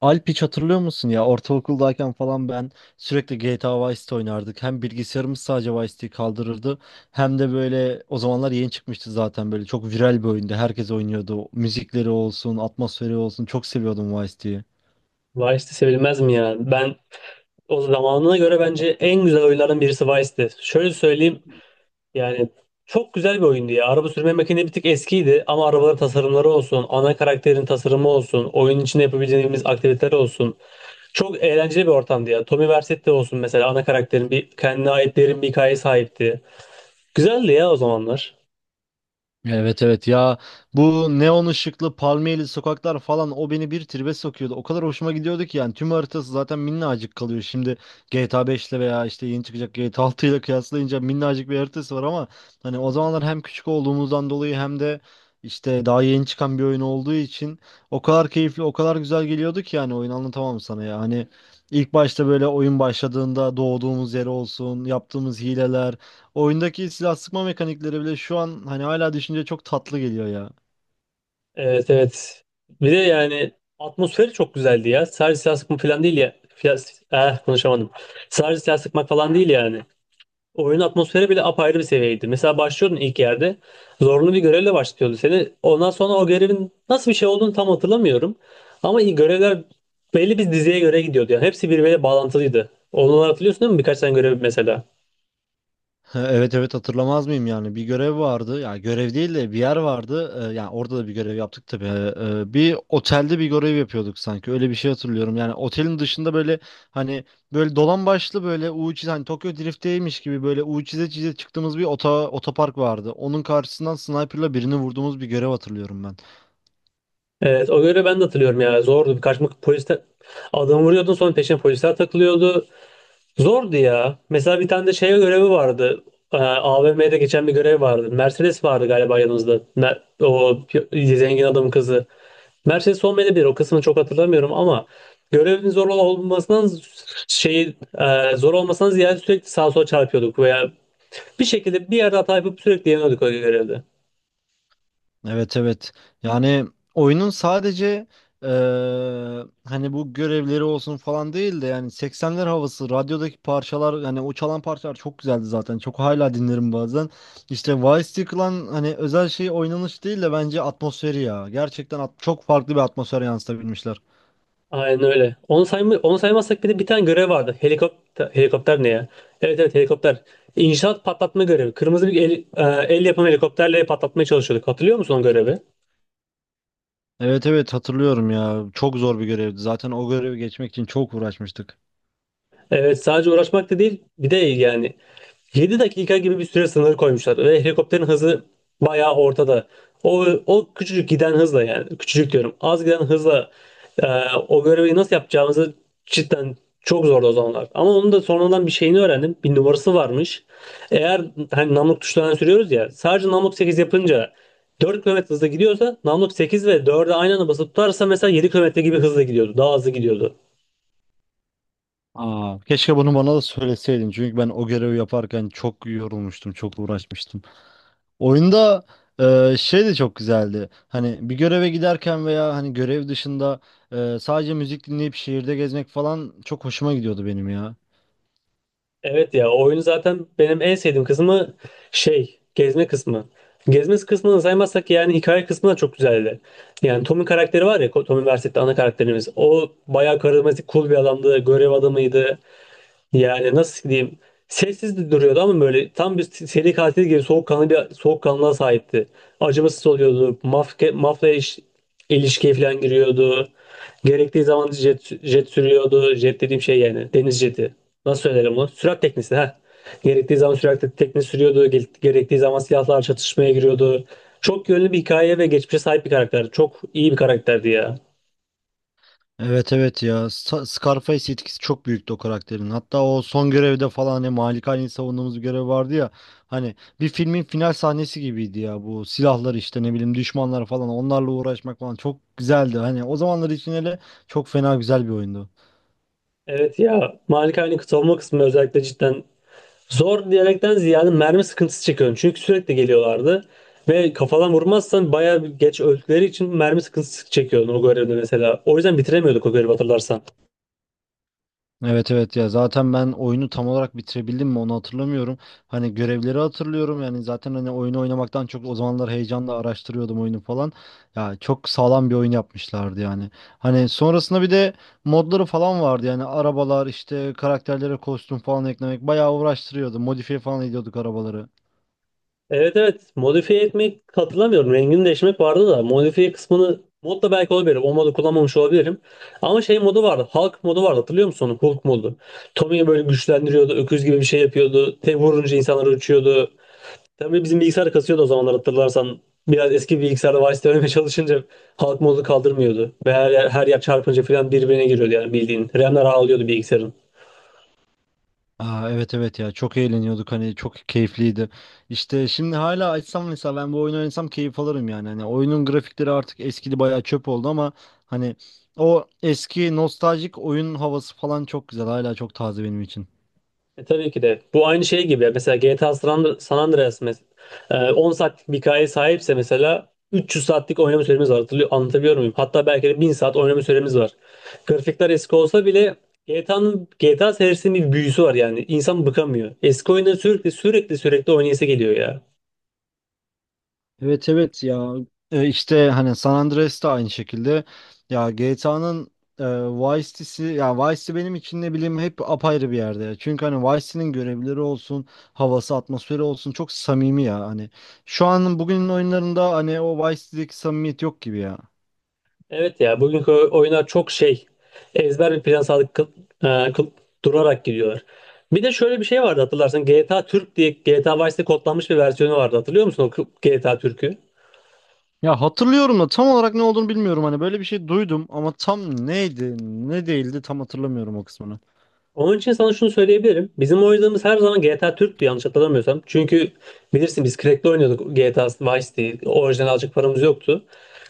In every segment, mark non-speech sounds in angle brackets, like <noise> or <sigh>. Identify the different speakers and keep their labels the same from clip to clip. Speaker 1: Alp, hiç hatırlıyor musun ya? Ortaokuldayken falan ben sürekli GTA Vice City oynardık. Hem bilgisayarımız sadece Vice City'yi kaldırırdı. Hem de böyle o zamanlar yeni çıkmıştı, zaten böyle çok viral bir oyundu. Herkes oynuyordu. Müzikleri olsun, atmosferi olsun, çok seviyordum Vice City'yi.
Speaker 2: Vice'de sevilmez mi ya? Ben o zamanına göre bence en güzel oyunlardan birisi Vice'di. Şöyle söyleyeyim yani çok güzel bir oyundu ya. Araba sürme makinesi bir tık eskiydi ama arabaların tasarımları olsun, ana karakterin tasarımı olsun, oyun içinde yapabileceğimiz aktiviteler olsun. Çok eğlenceli bir ortamdı ya. Tommy Vercetti olsun mesela ana karakterin bir kendine ait derin bir hikaye sahipti. Güzeldi ya o zamanlar.
Speaker 1: Evet, evet ya, bu neon ışıklı palmiyeli sokaklar falan o beni bir tribe sokuyordu. O kadar hoşuma gidiyordu ki yani, tüm haritası zaten minnacık kalıyor. Şimdi GTA 5 ile veya işte yeni çıkacak GTA 6 ile kıyaslayınca minnacık bir haritası var ama hani o zamanlar hem küçük olduğumuzdan dolayı hem de işte daha yeni çıkan bir oyun olduğu için o kadar keyifli, o kadar güzel geliyordu ki yani oyun, anlatamam sana ya. Hani ilk başta böyle oyun başladığında doğduğumuz yer olsun, yaptığımız hileler, oyundaki silah sıkma mekanikleri bile şu an hani hala düşünce çok tatlı geliyor ya.
Speaker 2: Evet, evet. Bir de yani atmosferi çok güzeldi ya. Sadece silah sıkma falan değil ya. Konuşamadım. Sadece silah sıkmak falan değil yani. Oyunun atmosferi bile apayrı bir seviyeydi. Mesela başlıyordun ilk yerde. Zorlu bir görevle başlıyordu seni. Ondan sonra o görevin nasıl bir şey olduğunu tam hatırlamıyorum. Ama iyi görevler belli bir diziye göre gidiyordu. Yani hepsi birbiriyle bağlantılıydı. Onları hatırlıyorsun, değil mi? Birkaç tane görev mesela.
Speaker 1: <laughs> Evet evet, hatırlamaz mıyım yani. Bir görev vardı ya, görev değil de bir yer vardı. Yani orada da bir görev yaptık tabii. Bir otelde bir görev yapıyorduk sanki, öyle bir şey hatırlıyorum. Yani otelin dışında böyle, hani böyle dolan başlı, böyle U çiz, hani Tokyo Drift'teymiş gibi böyle U çize çize çıktığımız bir otopark vardı, onun karşısından sniper'la birini vurduğumuz bir görev hatırlıyorum ben.
Speaker 2: Evet, o görevi ben de hatırlıyorum ya. Zordu. Birkaç polis adamı vuruyordun, sonra peşine polisler takılıyordu. Zordu ya. Mesela bir tane de şey görevi vardı. AVM'de geçen bir görev vardı. Mercedes vardı galiba yanımızda. Zengin adamın kızı. Mercedes olmayabilir. O kısmını çok hatırlamıyorum ama görevin şey zor olmasından ziyade sürekli sağa sola çarpıyorduk veya bir şekilde bir yerde hata yapıp sürekli yeniyorduk o görevde.
Speaker 1: Evet, evet. Yani oyunun sadece hani bu görevleri olsun falan değil de, yani 80'ler havası, radyodaki parçalar, yani o çalan parçalar çok güzeldi zaten. Çok, hala dinlerim bazen. İşte Vice City Clan, hani özel şey, oynanış değil de bence atmosferi ya. Gerçekten çok farklı bir atmosfer yansıtabilmişler.
Speaker 2: Aynen öyle. Onu saymazsak bir de bir tane görev vardı. Helikopter ne ya? Evet, evet, helikopter. İnşaat patlatma görevi. Kırmızı bir el yapımı helikopterle patlatmaya çalışıyorduk. Hatırlıyor musun o görevi?
Speaker 1: Evet evet, hatırlıyorum ya. Çok zor bir görevdi. Zaten o görevi geçmek için çok uğraşmıştık.
Speaker 2: Evet, sadece uğraşmak da değil, bir de yani 7 dakika gibi bir süre sınırı koymuşlar ve helikopterin hızı bayağı ortada. O küçücük giden hızla, yani küçücük diyorum az giden hızla, e, o görevi nasıl yapacağımızı, cidden çok zordu o zamanlar. Ama onun da sonradan bir şeyini öğrendim. Bir numarası varmış. Eğer hani namluk tuşlarına sürüyoruz ya, sadece namluk 8 yapınca 4 kilometre hızla gidiyorsa, namluk 8 ve 4'e aynı anda basıp tutarsa mesela 7 kilometre gibi hızla gidiyordu. Daha hızlı gidiyordu.
Speaker 1: Aa, keşke bunu bana da söyleseydin. Çünkü ben o görevi yaparken çok yorulmuştum, çok uğraşmıştım. Oyunda şey de çok güzeldi. Hani bir göreve giderken veya hani görev dışında sadece müzik dinleyip şehirde gezmek falan çok hoşuma gidiyordu benim ya.
Speaker 2: Evet ya, oyun zaten benim en sevdiğim kısmı gezme kısmı. Gezme kısmını saymazsak yani hikaye kısmı da çok güzeldi. Yani Tom'un karakteri var ya, Tommy Vercette'de ana karakterimiz. O bayağı karizmatik, cool bir adamdı. Görev adamıydı. Yani nasıl diyeyim? Sessiz de duruyordu ama böyle tam bir seri katil gibi soğukkanlı bir soğukkanlılığa sahipti. Acımasız oluyordu. Mafya ilişkiye falan giriyordu. Gerektiği zaman jet sürüyordu. Jet dediğim şey yani deniz jeti. Nasıl söylerim bunu? Sürat teknesi ha. Gerektiği zaman sürat teknesi sürüyordu. Gerektiği zaman silahlar çatışmaya giriyordu. Çok yönlü bir hikaye ve geçmişe sahip bir karakter. Çok iyi bir karakterdi ya.
Speaker 1: Evet evet ya, Scarface etkisi çok büyüktü o karakterin. Hatta o son görevde falan hani Malikani'yi savunduğumuz bir görev vardı ya. Hani bir filmin final sahnesi gibiydi ya, bu silahlar, işte ne bileyim düşmanlar falan, onlarla uğraşmak falan çok güzeldi. Hani o zamanlar için hele çok fena güzel bir oyundu.
Speaker 2: Evet ya. Malikane'nin savunma kısmı özellikle cidden zor diyerekten ziyade mermi sıkıntısı çekiyorum. Çünkü sürekli geliyorlardı. Ve kafadan vurmazsan bayağı geç öldükleri için mermi sıkıntısı çekiyordun o görevde mesela. O yüzden bitiremiyorduk o görevi, hatırlarsan.
Speaker 1: Evet evet ya, zaten ben oyunu tam olarak bitirebildim mi onu hatırlamıyorum. Hani görevleri hatırlıyorum, yani zaten hani oyunu oynamaktan çok o zamanlar heyecanla araştırıyordum oyunu falan. Ya çok sağlam bir oyun yapmışlardı yani. Hani sonrasında bir de modları falan vardı, yani arabalar, işte karakterlere kostüm falan eklemek bayağı uğraştırıyordu. Modifiye falan ediyorduk arabaları.
Speaker 2: Evet, evet. Modifiye etmek hatırlamıyorum. Rengini değiştirmek vardı da. Modifiye kısmını mod da belki olabilir. O modu kullanmamış olabilirim. Ama şey modu vardı. Hulk modu vardı. Hatırlıyor musun onu? Hulk modu. Tommy'yi böyle güçlendiriyordu. Öküz gibi bir şey yapıyordu. Tek vurunca insanları uçuyordu. Tabii bizim bilgisayar kasıyordu o zamanlar, hatırlarsan. Biraz eski bilgisayarda Vice demeye çalışınca halk modu kaldırmıyordu. Ve her yer çarpınca falan birbirine giriyordu yani bildiğin. RAM'ler ağlıyordu bilgisayarın.
Speaker 1: Aa, evet evet ya, çok eğleniyorduk, hani çok keyifliydi. İşte şimdi hala açsam mesela, ben bu oyunu oynasam keyif alırım yani. Hani oyunun grafikleri artık eskidi, bayağı çöp oldu ama hani o eski nostaljik oyun havası falan çok güzel, hala çok taze benim için.
Speaker 2: Tabii ki de. Bu aynı şey gibi. Mesela GTA San Andreas, 10 saatlik bir hikayeye sahipse mesela 300 saatlik oynama süremiz var. Anlatabiliyor muyum? Hatta belki de 1000 saat oynama süremiz var. Grafikler eski olsa bile GTA serisinin bir büyüsü var yani. İnsan bıkamıyor. Eski oyunları sürekli sürekli sürekli oynayası geliyor ya.
Speaker 1: Evet evet ya. E, işte hani San Andreas da aynı şekilde, ya GTA'nın Vice City'si ya, Vice City benim için ne bileyim hep apayrı bir yerde ya. Çünkü hani Vice City'nin görevleri olsun, havası, atmosferi olsun çok samimi ya hani. Şu an bugünün oyunlarında hani o Vice City'deki samimiyet yok gibi ya.
Speaker 2: Evet ya, bugünkü oyunlar çok şey, ezber bir plan sağlık e, kıl- durarak gidiyorlar. Bir de şöyle bir şey vardı, hatırlarsın, GTA Türk diye GTA Vice'de kodlanmış bir versiyonu vardı. Hatırlıyor musun GTA Türk'ü?
Speaker 1: Ya hatırlıyorum da tam olarak ne olduğunu bilmiyorum, hani böyle bir şey duydum ama tam neydi ne değildi tam hatırlamıyorum o kısmını.
Speaker 2: Onun için sana şunu söyleyebilirim. Bizim oynadığımız her zaman GTA Türk'tü, yanlış hatırlamıyorsam. Çünkü bilirsin biz crack'le oynuyorduk GTA Vice diye. Orijinal alacak paramız yoktu.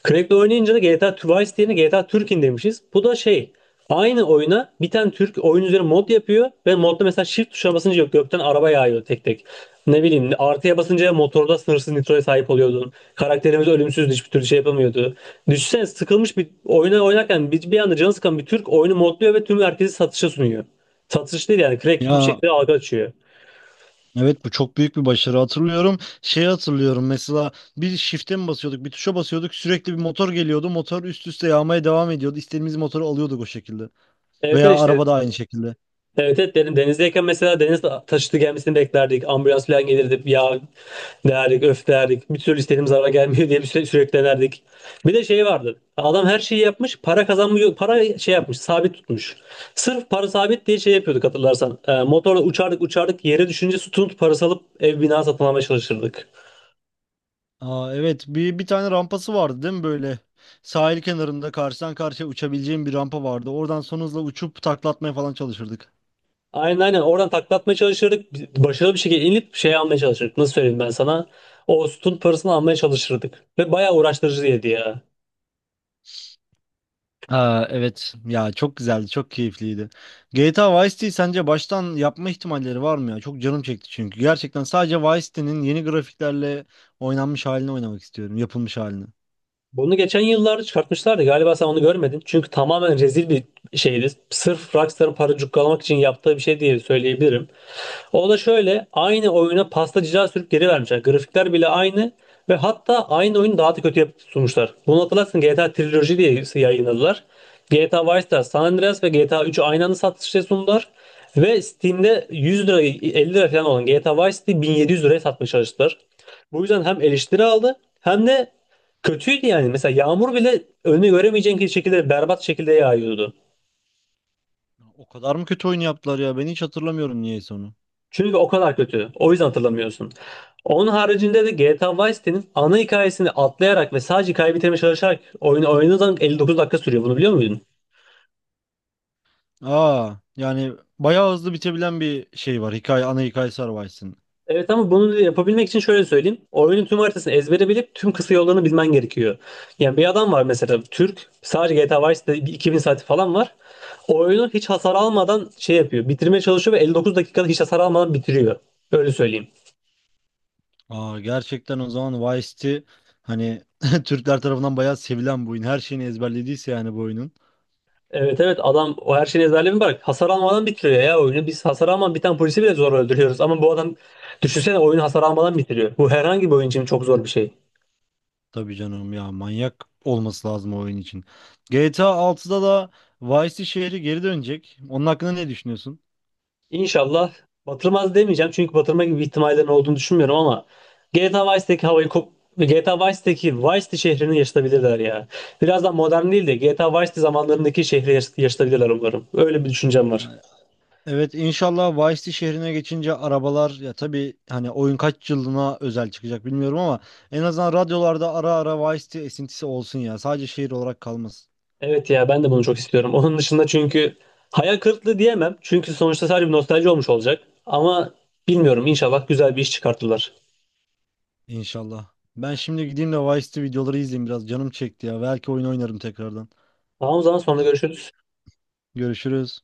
Speaker 2: Crack'le oynayınca da GTA Twice yerine GTA Türkin demişiz. Bu da aynı oyuna bir tane Türk oyun üzerine mod yapıyor ve modda mesela shift tuşuna basınca yok, gökten araba yağıyor tek tek. Ne bileyim, artıya basınca motorda sınırsız nitroya sahip oluyordun. Karakterimiz ölümsüzdü, hiçbir türlü şey yapamıyordu. Düşünsene, sıkılmış bir oyuna oynarken bir anda canı sıkan bir Türk oyunu modluyor ve tüm herkesi satışa sunuyor. Satış değil yani, crack bir
Speaker 1: Ya,
Speaker 2: şekilde algı açıyor.
Speaker 1: evet, bu çok büyük bir başarı, hatırlıyorum. Şeyi hatırlıyorum mesela, bir shift'e mi basıyorduk bir tuşa basıyorduk, sürekli bir motor geliyordu. Motor üst üste yağmaya devam ediyordu. İstediğimiz motoru alıyorduk o şekilde.
Speaker 2: Evet,
Speaker 1: Veya
Speaker 2: evet, işte.
Speaker 1: araba da aynı şekilde.
Speaker 2: Evet, evet, dedim denizdeyken mesela deniz taşıtı gelmesini beklerdik. Ambulans falan gelirdi. Ya derdik, öf derdik. Bir türlü istediğimiz araba gelmiyor diye sürekli denerdik. Bir de şey vardı. Adam her şeyi yapmış. Para kazanmıyor. Para şey yapmış. Sabit tutmuş. Sırf para sabit diye şey yapıyorduk, hatırlarsan. Motorla uçardık uçardık. Yere düşünce tutunup parası alıp ev bina satın almaya çalışırdık.
Speaker 1: Aa, evet, bir tane rampası vardı değil mi böyle? Sahil kenarında karşıdan karşıya uçabileceğim bir rampa vardı. Oradan son hızla uçup taklatmaya falan çalışırdık.
Speaker 2: Aynen, aynen. Oradan taklatmaya çalışırdık. Başarılı bir şekilde inip şey almaya çalışırdık. Nasıl söyleyeyim ben sana? O sütun parasını almaya çalışırdık. Ve bayağı uğraştırıcıydı ya.
Speaker 1: Aa, evet ya, çok güzeldi, çok keyifliydi. GTA Vice City sence baştan yapma ihtimalleri var mı ya? Çok canım çekti çünkü. Gerçekten sadece Vice City'nin yeni grafiklerle oynanmış halini oynamak istiyorum. Yapılmış halini.
Speaker 2: Bunu geçen yıllarda çıkartmışlardı. Galiba sen onu görmedin. Çünkü tamamen rezil bir şeydi. Sırf Rockstar'ın para cukkalamak için yaptığı bir şey diye söyleyebilirim. O da şöyle, aynı oyuna pasta cila sürüp geri vermişler. Grafikler bile aynı ve hatta aynı oyunu daha da kötü yapıp sunmuşlar. Bunu hatırlarsın, GTA Trilogy diye yayınladılar. GTA Vice City, San Andreas ve GTA 3'ü aynı anda satışa sundular. Ve Steam'de 100 lira 50 lira falan olan GTA Vice City 1700 liraya satmaya çalıştılar. Bu yüzden hem eleştiri aldı hem de kötüydü yani. Mesela yağmur bile önünü göremeyeceğin şekilde berbat şekilde yağıyordu.
Speaker 1: O kadar mı kötü oyun yaptılar ya? Ben hiç hatırlamıyorum niyeyse onu.
Speaker 2: Çünkü o kadar kötü. O yüzden hatırlamıyorsun. Onun haricinde de GTA Vice City'nin ana hikayesini atlayarak ve sadece hikaye bitirmeye çalışarak oyunu oynadığın 59 dakika sürüyor. Bunu biliyor muydun?
Speaker 1: Aa, yani bayağı hızlı bitebilen bir şey var. Hikaye, ana hikayesi var Vice City'nin.
Speaker 2: Evet, ama bunu yapabilmek için şöyle söyleyeyim. Oyunun tüm haritasını ezbere bilip tüm kısa yollarını bilmen gerekiyor. Yani bir adam var mesela, Türk. Sadece GTA Vice City'de bir 2000 saati falan var. Oyunu hiç hasar almadan şey yapıyor. Bitirmeye çalışıyor ve 59 dakikada hiç hasar almadan bitiriyor. Öyle söyleyeyim.
Speaker 1: Aa, gerçekten o zaman Vice City, hani <laughs> Türkler tarafından bayağı sevilen bu oyun. Her şeyini ezberlediyse yani bu oyunun.
Speaker 2: Evet, evet, adam o her şeyin ezberlerini bırak. Hasar almadan bitiriyor ya oyunu. Biz hasar almadan biten polisi bile zor öldürüyoruz. Ama bu adam, düşünsene, oyunu hasar almadan bitiriyor. Bu herhangi bir oyun için çok zor bir şey.
Speaker 1: Tabii canım ya, manyak olması lazım o oyun için. GTA 6'da da Vice City şehri geri dönecek. Onun hakkında ne düşünüyorsun?
Speaker 2: İnşallah batırmaz demeyeceğim. Çünkü batırma gibi ihtimallerin olduğunu düşünmüyorum ama GTA Vice'deki havayı kop GTA Vice'deki Vice City şehrini yaşatabilirler ya. Birazdan modern değil de GTA Vice City zamanlarındaki şehri yaşatabilirler umarım. Öyle bir düşüncem var.
Speaker 1: Yani, evet, inşallah Vice City şehrine geçince arabalar, ya tabii hani oyun kaç yılına özel çıkacak bilmiyorum ama en azından radyolarda ara ara Vice City esintisi olsun ya. Sadece şehir olarak kalmasın
Speaker 2: Evet ya, ben de bunu çok istiyorum. Onun dışında, çünkü hayal kırıklığı diyemem. Çünkü sonuçta sadece bir nostalji olmuş olacak. Ama bilmiyorum, inşallah güzel bir iş çıkartırlar.
Speaker 1: inşallah. Ben şimdi gideyim de Vice City videoları izleyeyim, biraz canım çekti ya. Belki oyun oynarım tekrardan.
Speaker 2: Tamam, o zaman sonra görüşürüz.
Speaker 1: Görüşürüz.